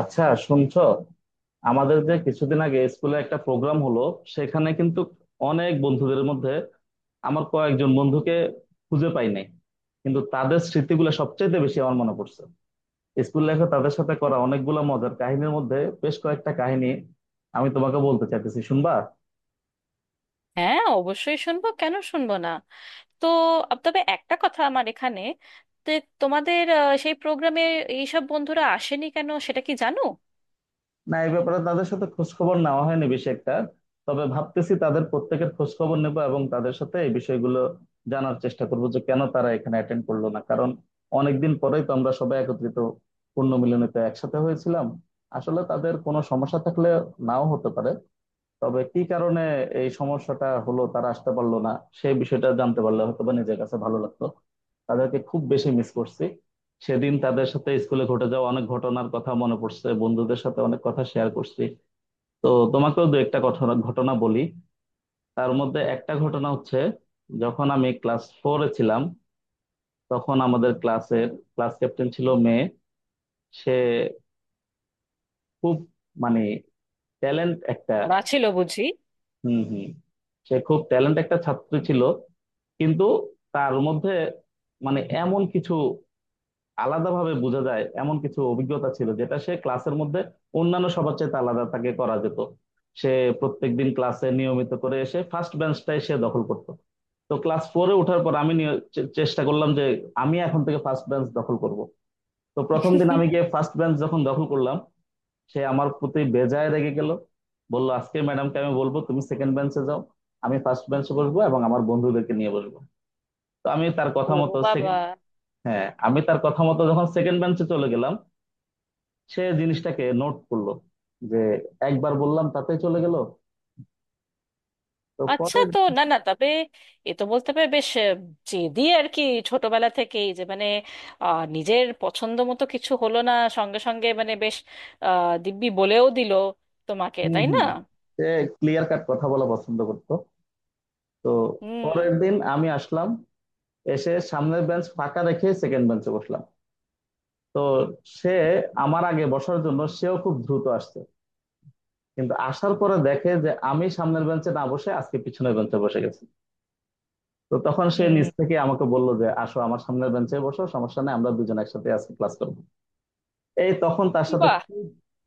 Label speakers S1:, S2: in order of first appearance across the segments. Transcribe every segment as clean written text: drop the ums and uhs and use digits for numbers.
S1: আচ্ছা শুনছো? আমাদের যে কিছুদিন আগে স্কুলে একটা প্রোগ্রাম হলো, সেখানে কিন্তু অনেক বন্ধুদের মধ্যে আমার কয়েকজন বন্ধুকে খুঁজে পাই নাই, কিন্তু তাদের স্মৃতিগুলো সবচেয়ে বেশি আমার মনে পড়ছে। স্কুল লাইফে তাদের সাথে করা অনেকগুলো মজার কাহিনীর মধ্যে বেশ কয়েকটা কাহিনী আমি তোমাকে বলতে চাইতেছি, শুনবা?
S2: হ্যাঁ, অবশ্যই শুনবো, কেন শুনবো না? তো তবে একটা কথা আমার এখানে, যে তোমাদের সেই প্রোগ্রামে এইসব বন্ধুরা আসেনি কেন সেটা কি জানো?
S1: না, এই ব্যাপারে তাদের সাথে খোঁজ খবর নেওয়া হয়নি বেশি একটা, তবে ভাবতেছি তাদের প্রত্যেকের খোঁজ খবর নেব এবং তাদের সাথে এই বিষয়গুলো জানার চেষ্টা করব, যে কেন তারা এখানে অ্যাটেন্ড করলো না। কারণ অনেকদিন পরেই তো আমরা সবাই একত্রিত পূর্ণ মিলনীতে একসাথে হয়েছিলাম। আসলে তাদের কোনো সমস্যা থাকলে নাও হতে পারে, তবে কি কারণে এই সমস্যাটা হলো তারা আসতে পারলো না, সেই বিষয়টা জানতে পারলে হয়তো বা নিজের কাছে ভালো লাগতো। তাদেরকে খুব বেশি মিস করছি। সেদিন তাদের সাথে স্কুলে ঘটে যাওয়া অনেক ঘটনার কথা মনে পড়ছে, বন্ধুদের সাথে অনেক কথা শেয়ার করছি। তো তোমাকেও দু একটা ঘটনা ঘটনা বলি। তার মধ্যে একটা ঘটনা হচ্ছে, যখন আমি ক্লাস ফোরে ছিলাম, তখন আমাদের ক্লাসের ক্লাস ক্যাপ্টেন ছিল মেয়ে। সে খুব মানে ট্যালেন্ট একটা।
S2: ওরা ছিল বুঝি?
S1: হুম হুম। সে খুব ট্যালেন্ট একটা ছাত্রী ছিল, কিন্তু তার মধ্যে মানে এমন কিছু আলাদাভাবে বোঝা যায় এমন কিছু অভিজ্ঞতা ছিল, যেটা সে ক্লাসের মধ্যে অন্যান্য সবার চাইতে আলাদা তাকে করা যেত। সে প্রত্যেকদিন ক্লাসে নিয়মিত করে এসে ফার্স্ট বেঞ্চটাই সে দখল করত। তো ক্লাস ফোরে ওঠার পর আমি চেষ্টা করলাম যে আমি এখন থেকে ফার্স্ট বেঞ্চ দখল করব। তো প্রথম দিন আমি গিয়ে ফার্স্ট বেঞ্চ যখন দখল করলাম, সে আমার প্রতি বেজায় রেগে গেল। বললো, আজকে ম্যাডামকে আমি বলবো তুমি সেকেন্ড বেঞ্চে যাও, আমি ফার্স্ট বেঞ্চে বসবো এবং আমার বন্ধুদেরকে নিয়ে বসবো। তো আমি তার কথা
S2: ও
S1: মতো
S2: বাবা!
S1: সেকেন্ড। হ্যাঁ, আমি তার কথা মতো যখন সেকেন্ড বেঞ্চে চলে গেলাম, সে জিনিসটাকে নোট করলো যে একবার বললাম তাতে চলে গেল। তো
S2: আচ্ছা,
S1: পরের।
S2: তো না না তবে এ তো বলতে হবে বেশ জেদি আর কি। ছোটবেলা থেকেই নিজের পছন্দ মতো কিছু হলো না সঙ্গে সঙ্গে মানে বেশ দিব্যি বলেও দিল তোমাকে,
S1: হম
S2: তাই না?
S1: হম। সে ক্লিয়ার কাট কথা বলা পছন্দ করতো। তো
S2: হুম
S1: পরের দিন আমি আসলাম, এসে সামনের বেঞ্চ ফাঁকা রেখে সেকেন্ড বেঞ্চে বসলাম। তো সে আমার আগে বসার জন্য সেও খুব দ্রুত আসছে, কিন্তু আসার পরে দেখে যে আমি সামনের বেঞ্চে না বসে আজকে পিছনের বেঞ্চে বসে গেছি। তো তখন সে নিজ
S2: হুম।
S1: থেকে আমাকে বললো যে, আসো আমার সামনের বেঞ্চে বসো, সমস্যা নেই, আমরা দুজন একসাথে আজকে ক্লাস করবো। এই তখন তার সাথে
S2: বাহ।
S1: খুব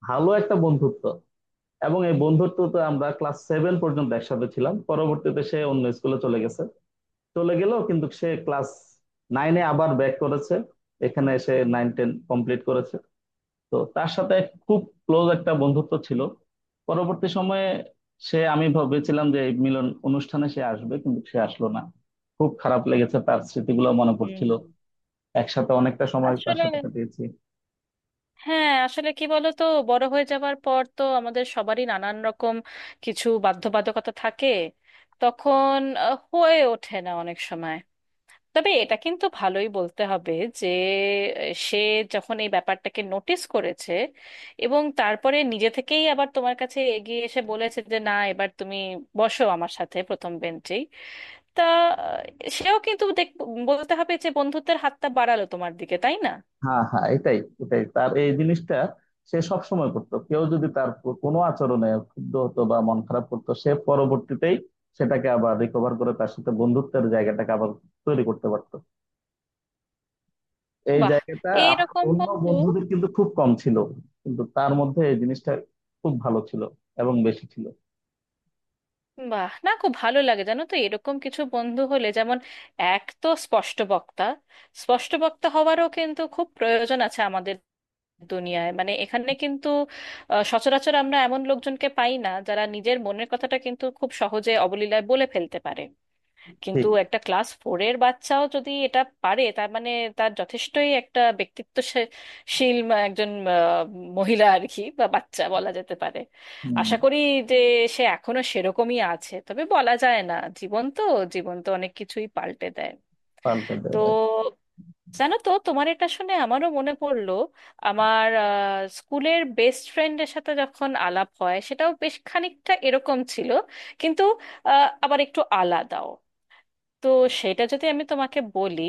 S1: ভালো একটা বন্ধুত্ব, এবং এই বন্ধুত্বতে আমরা ক্লাস সেভেন পর্যন্ত একসাথে ছিলাম। পরবর্তীতে সে অন্য স্কুলে চলে গেছে, চলে গেল, কিন্তু সে ক্লাস নাইনে আবার ব্যাক করেছে, এখানে এসে নাইন টেন কমপ্লিট করেছে। তো তার সাথে খুব ক্লোজ একটা বন্ধুত্ব ছিল পরবর্তী সময়ে। সে, আমি ভেবেছিলাম যে এই মিলন অনুষ্ঠানে সে আসবে, কিন্তু সে আসলো না। খুব খারাপ লেগেছে, তার স্মৃতিগুলো মনে
S2: হুম।
S1: পড়ছিল। একসাথে অনেকটা সময় তার
S2: আসলে,
S1: সাথে কাটিয়েছি।
S2: হ্যাঁ আসলে কি বলতো, বড় হয়ে যাবার পর তো আমাদের সবারই নানান রকম কিছু বাধ্যবাধকতা থাকে, তখন হয়ে ওঠে না অনেক সময়। তবে এটা কিন্তু ভালোই বলতে হবে যে সে যখন এই ব্যাপারটাকে নোটিস করেছে এবং তারপরে নিজে থেকেই আবার তোমার কাছে এগিয়ে এসে বলেছে যে না, এবার তুমি বসো আমার সাথে প্রথম বেঞ্চেই। তা সেও কিন্তু দেখ, বলতে হবে যে বন্ধুত্বের হাতটা বাড়ালো তোমার দিকে, তাই না?
S1: হ্যাঁ হ্যাঁ, এটাই এটাই তার এই জিনিসটা। সে সব সময় করতো, কেউ যদি তার কোনো আচরণে ক্ষুব্ধ হতো বা মন খারাপ করতো, সে পরবর্তীতেই সেটাকে আবার রিকভার করে তার সাথে বন্ধুত্বের জায়গাটাকে আবার তৈরি করতে পারতো। এই
S2: বাহ,
S1: জায়গাটা আমার
S2: এইরকম
S1: অন্য
S2: বন্ধু!
S1: বন্ধুদের কিন্তু খুব কম ছিল, কিন্তু তার মধ্যে এই জিনিসটা খুব ভালো ছিল এবং বেশি ছিল।
S2: বাহ, না খুব ভালো লাগে জানো তো এরকম কিছু বন্ধু হলে। যেমন এক তো স্পষ্ট বক্তা, স্পষ্ট বক্তা হওয়ারও কিন্তু খুব প্রয়োজন আছে আমাদের দুনিয়ায়। মানে এখানে কিন্তু সচরাচর আমরা এমন লোকজনকে পাই না যারা নিজের মনের কথাটা কিন্তু খুব সহজে অবলীলায় বলে ফেলতে পারে। কিন্তু
S1: ঠিক।
S2: একটা ক্লাস ফোরের বাচ্চাও যদি এটা পারে, তার মানে তার যথেষ্টই একটা ব্যক্তিত্বশীল একজন মহিলা আর কি, বা বাচ্চা বলা যেতে পারে।
S1: হম।
S2: আশা করি যে সে এখনো সেরকমই আছে, তবে বলা যায় না। জীবন তো, জীবন তো অনেক কিছুই পাল্টে দেয়।
S1: পাল্টে
S2: তো
S1: দেয়।
S2: জানো তো, তোমার এটা শুনে আমারও মনে পড়লো, আমার স্কুলের বেস্ট ফ্রেন্ডের সাথে যখন আলাপ হয় সেটাও বেশ খানিকটা এরকম ছিল, কিন্তু আবার একটু আলাদাও। তো সেটা যদি আমি তোমাকে বলি।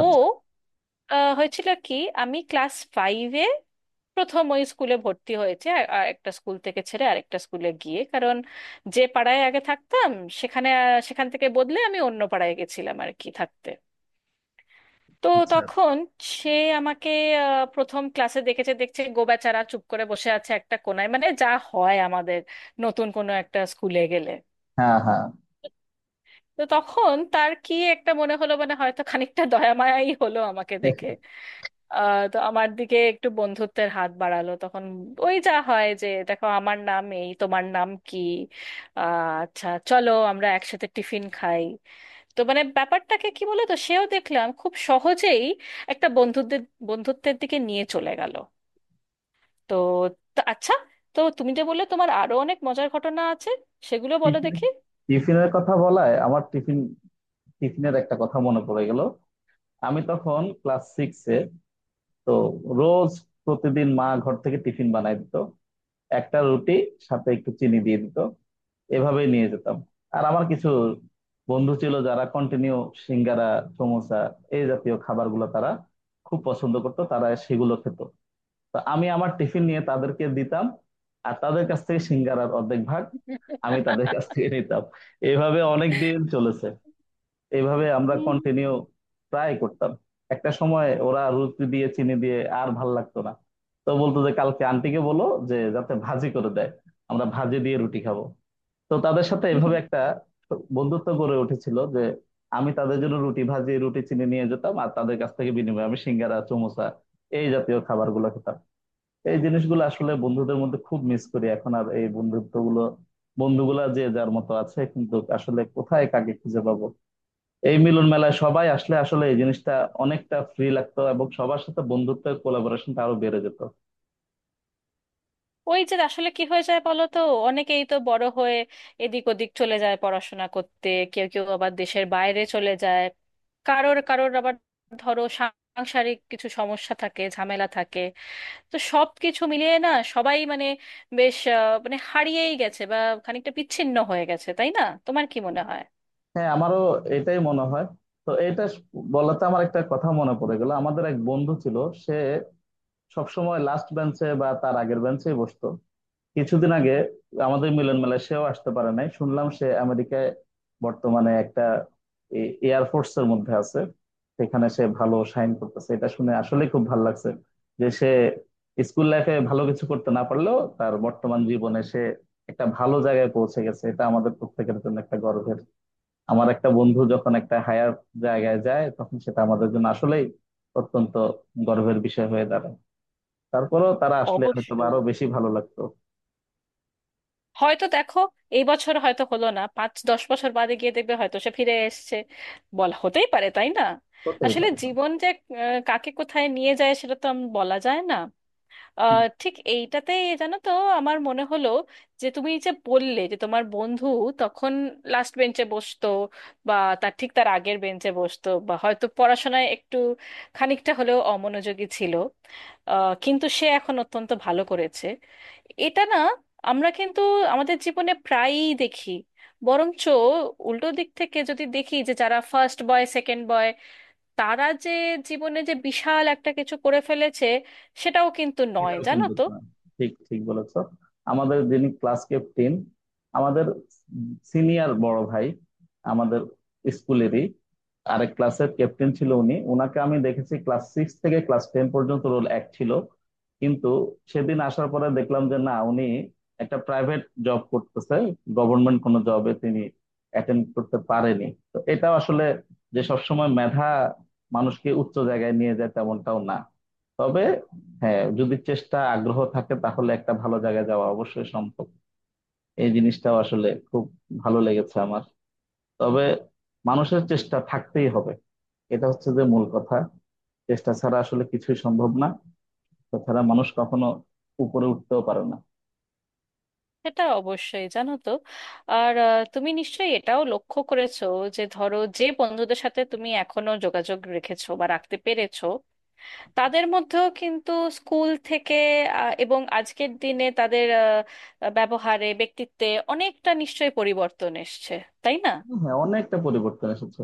S1: আচ্ছা।
S2: হয়েছিল কি, আমি ক্লাস ফাইভে প্রথম ওই স্কুলে ভর্তি হয়েছে আর একটা স্কুল থেকে ছেড়ে আরেকটা স্কুলে গিয়ে, কারণ যে পাড়ায় আগে থাকতাম সেখানে সেখান থেকে বদলে আমি অন্য পাড়ায় গেছিলাম আর কি থাকতে। তো
S1: আচ্ছা আচ্ছা।
S2: তখন সে আমাকে প্রথম ক্লাসে দেখেছে, দেখছে গোবেচারা চুপ করে বসে আছে একটা কোনায়, মানে যা হয় আমাদের নতুন কোনো একটা স্কুলে গেলে।
S1: হ্যাঁ হ্যাঁ।
S2: তো তখন তার কি একটা মনে হলো, মানে হয়তো খানিকটা দয়া মায়াই হলো আমাকে দেখে। আহ, তো আমার দিকে একটু বন্ধুত্বের হাত বাড়ালো তখন। ওই যা হয় যে দেখো আমার নাম এই, তোমার নাম কি? আচ্ছা চলো আমরা একসাথে টিফিন খাই। তো মানে ব্যাপারটাকে কি বলো তো, সেও দেখলাম খুব সহজেই একটা বন্ধুত্বের বন্ধুত্বের দিকে নিয়ে চলে গেল। তো, তো আচ্ছা, তো তুমি যে বললে তোমার আরো অনেক মজার ঘটনা আছে, সেগুলো বলো
S1: টিফিন
S2: দেখি।
S1: টিফিনের কথা বলায় আমার টিফিনের একটা কথা মনে পড়ে গেল। আমি তখন ক্লাস সিক্স এ। তো রোজ প্রতিদিন মা ঘর থেকে টিফিন বানায় দিত, একটা রুটি সাথে একটু চিনি দিয়ে দিত, এভাবেই নিয়ে যেতাম। আর আমার কিছু বন্ধু ছিল যারা কন্টিনিউ সিঙ্গারা, সমোসা এই জাতীয় খাবারগুলো তারা খুব পছন্দ করতো, তারা সেগুলো খেত। তো আমি আমার টিফিন নিয়ে তাদেরকে দিতাম, আর তাদের কাছ থেকে সিঙ্গারার অর্ধেক ভাগ আমি তাদের কাছ থেকে নিতাম। এভাবে অনেক দিন চলেছে, এভাবে আমরা কন্টিনিউ প্রায় করতাম। একটা সময় ওরা রুটি দিয়ে চিনি দিয়ে আর ভাল লাগতো না, তো বলতো যে কালকে আন্টিকে বলো যে যাতে ভাজি করে দেয়, আমরা ভাজি দিয়ে রুটি খাবো। তো তাদের সাথে
S2: হুম।
S1: এভাবে একটা বন্ধুত্ব গড়ে উঠেছিল যে আমি তাদের জন্য রুটি ভাজি, রুটি চিনি নিয়ে যেতাম, আর তাদের কাছ থেকে বিনিময়ে আমি সিঙ্গারা, চমোসা এই জাতীয় খাবার গুলো খেতাম। এই জিনিসগুলো আসলে বন্ধুদের মধ্যে খুব মিস করি এখন, আর এই বন্ধুত্ব গুলো, বন্ধুগুলা যে যার মতো আছে, কিন্তু আসলে কোথায় কাকে খুঁজে পাবো। এই মিলন মেলায় সবাই আসলে আসলে এই জিনিসটা অনেকটা ফ্রি লাগতো এবং সবার সাথে বন্ধুত্বের কোলাবোরেশনটা আরো বেড়ে যেত।
S2: ওই যে আসলে কি হয়ে যায় বলো তো, অনেকেই তো বড় হয়ে এদিক ওদিক চলে যায় পড়াশোনা করতে, কেউ কেউ আবার দেশের বাইরে চলে যায়, কারোর কারোর আবার ধরো সাংসারিক কিছু সমস্যা থাকে, ঝামেলা থাকে। তো সব কিছু মিলিয়ে না সবাই মানে বেশ মানে হারিয়েই গেছে, বা খানিকটা বিচ্ছিন্ন হয়ে গেছে, তাই না? তোমার কি মনে হয়?
S1: হ্যাঁ, আমারও এটাই মনে হয়। তো বলাতে আমার একটা কথা মনে পড়ে গেল। আমাদের এক বন্ধু ছিল, সে সবসময় লাস্ট বেঞ্চে বা তার আগের বেঞ্চেই বসতো। কিছুদিন আগে আমাদের মিলন মেলায় সেও আসতে পারে নাই, শুনলাম সে আমেরিকায় বর্তমানে একটা এয়ারফোর্স এর মধ্যে আছে, সেখানে সে ভালো সাইন করতেছে। এটা শুনে আসলে খুব ভালো লাগছে যে সে স্কুল লাইফে ভালো কিছু করতে না পারলেও তার বর্তমান জীবনে সে একটা ভালো জায়গায় পৌঁছে গেছে। এটা আমাদের প্রত্যেকের জন্য একটা গর্বের। আমার একটা বন্ধু যখন একটা হায়ার জায়গায় যায়, তখন সেটা আমাদের জন্য আসলেই অত্যন্ত গর্বের বিষয় হয়ে দাঁড়ায়। তারপরেও তারা আসলে হয়তো বা
S2: অবশ্যই।
S1: আরো বেশি ভালো লাগতো।
S2: হয়তো দেখো, এই বছর হয়তো হলো না, পাঁচ দশ বছর বাদে গিয়ে দেখবে হয়তো সে ফিরে এসছে। বল, হতেই পারে তাই না?
S1: হতেই
S2: আসলে
S1: পারে।
S2: জীবন যে কাকে কোথায় নিয়ে যায় সেটা তো বলা যায় না। আহ, ঠিক এইটাতে জানো তো আমার মনে হলো যে তুমি যে বললে যে তোমার বন্ধু তখন লাস্ট বেঞ্চে বসতো বা ঠিক তার আগের বেঞ্চে বসতো, বা হয়তো পড়াশোনায় একটু খানিকটা হলেও অমনোযোগী ছিল। আহ, কিন্তু সে এখন অত্যন্ত ভালো করেছে। এটা না, আমরা কিন্তু আমাদের জীবনে প্রায়ই দেখি, বরঞ্চ উল্টো দিক থেকে যদি দেখি যে যারা ফার্স্ট বয় সেকেন্ড বয় তারা যে জীবনে যে বিশাল একটা কিছু করে ফেলেছে সেটাও কিন্তু নয়,
S1: সেটাও
S2: জানো
S1: কিন্তু
S2: তো?
S1: না, ঠিক ঠিক বলেছো। আমাদের যিনি ক্লাস ক্যাপ্টেন আমাদের সিনিয়র বড় ভাই, আমাদের স্কুলেরই আরেক ক্লাসের ক্যাপ্টেন ছিল উনি, উনাকে আমি দেখেছি ক্লাস সিক্স থেকে ক্লাস টেন পর্যন্ত রোল এক ছিল। কিন্তু সেদিন আসার পরে দেখলাম যে না, উনি একটা প্রাইভেট জব করতেছে, গভর্নমেন্ট কোনো জবে তিনি অ্যাটেন্ড করতে পারেনি। তো এটা আসলে, যে সবসময় মেধা মানুষকে উচ্চ জায়গায় নিয়ে যায়, তেমনটাও না। তবে হ্যাঁ, যদি চেষ্টা আগ্রহ থাকে তাহলে একটা ভালো জায়গায় যাওয়া অবশ্যই সম্ভব। এই জিনিসটাও আসলে খুব ভালো লেগেছে আমার। তবে মানুষের চেষ্টা থাকতেই হবে, এটা হচ্ছে যে মূল কথা। চেষ্টা ছাড়া আসলে কিছুই সম্ভব না, তাছাড়া মানুষ কখনো উপরে উঠতেও পারে না।
S2: সেটা অবশ্যই জানো তো। আর তুমি নিশ্চয়ই এটাও লক্ষ্য করেছো যে ধরো যে বন্ধুদের সাথে তুমি এখনো যোগাযোগ রেখেছো বা রাখতে পেরেছো, তাদের মধ্যেও কিন্তু স্কুল থেকে এবং আজকের দিনে তাদের ব্যবহারে ব্যক্তিত্বে অনেকটা নিশ্চয়ই পরিবর্তন এসছে, তাই না?
S1: হ্যাঁ, অনেকটা পরিবর্তন এসেছে।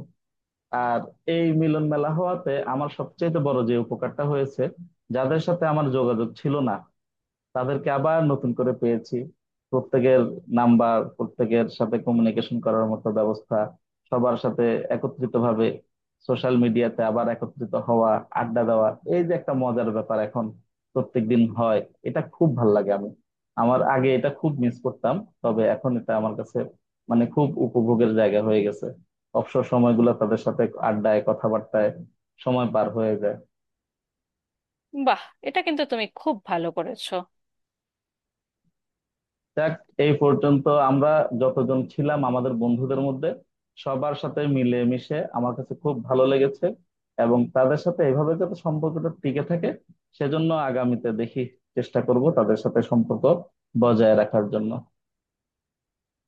S1: আর এই মিলন মেলা হওয়াতে আমার সবচেয়ে বড় যে উপকারটা হয়েছে, যাদের সাথে আমার যোগাযোগ ছিল না, তাদেরকে আবার নতুন করে পেয়েছি। প্রত্যেকের নাম্বার, প্রত্যেকের সাথে কমিউনিকেশন করার মতো ব্যবস্থা, সবার সাথে একত্রিত ভাবে সোশ্যাল মিডিয়াতে আবার একত্রিত হওয়া, আড্ডা দেওয়া, এই যে একটা মজার ব্যাপার এখন প্রত্যেক দিন হয়, এটা খুব ভাল লাগে আমি। আমার আগে এটা খুব মিস করতাম, তবে এখন এটা আমার কাছে মানে খুব উপভোগের জায়গা হয়ে গেছে। অবসর সময়গুলো তাদের সাথে আড্ডায় কথাবার্তায় সময় পার হয়ে যায়।
S2: বাহ, এটা কিন্তু তুমি খুব ভালো করেছো।
S1: যাক, এই পর্যন্ত আমরা যতজন ছিলাম আমাদের বন্ধুদের মধ্যে সবার সাথে মিলে মিশে আমার কাছে খুব ভালো লেগেছে, এবং তাদের সাথে এভাবে যাতে সম্পর্কটা টিকে থাকে, সেজন্য আগামীতে দেখি চেষ্টা করব তাদের সাথে সম্পর্ক বজায় রাখার জন্য।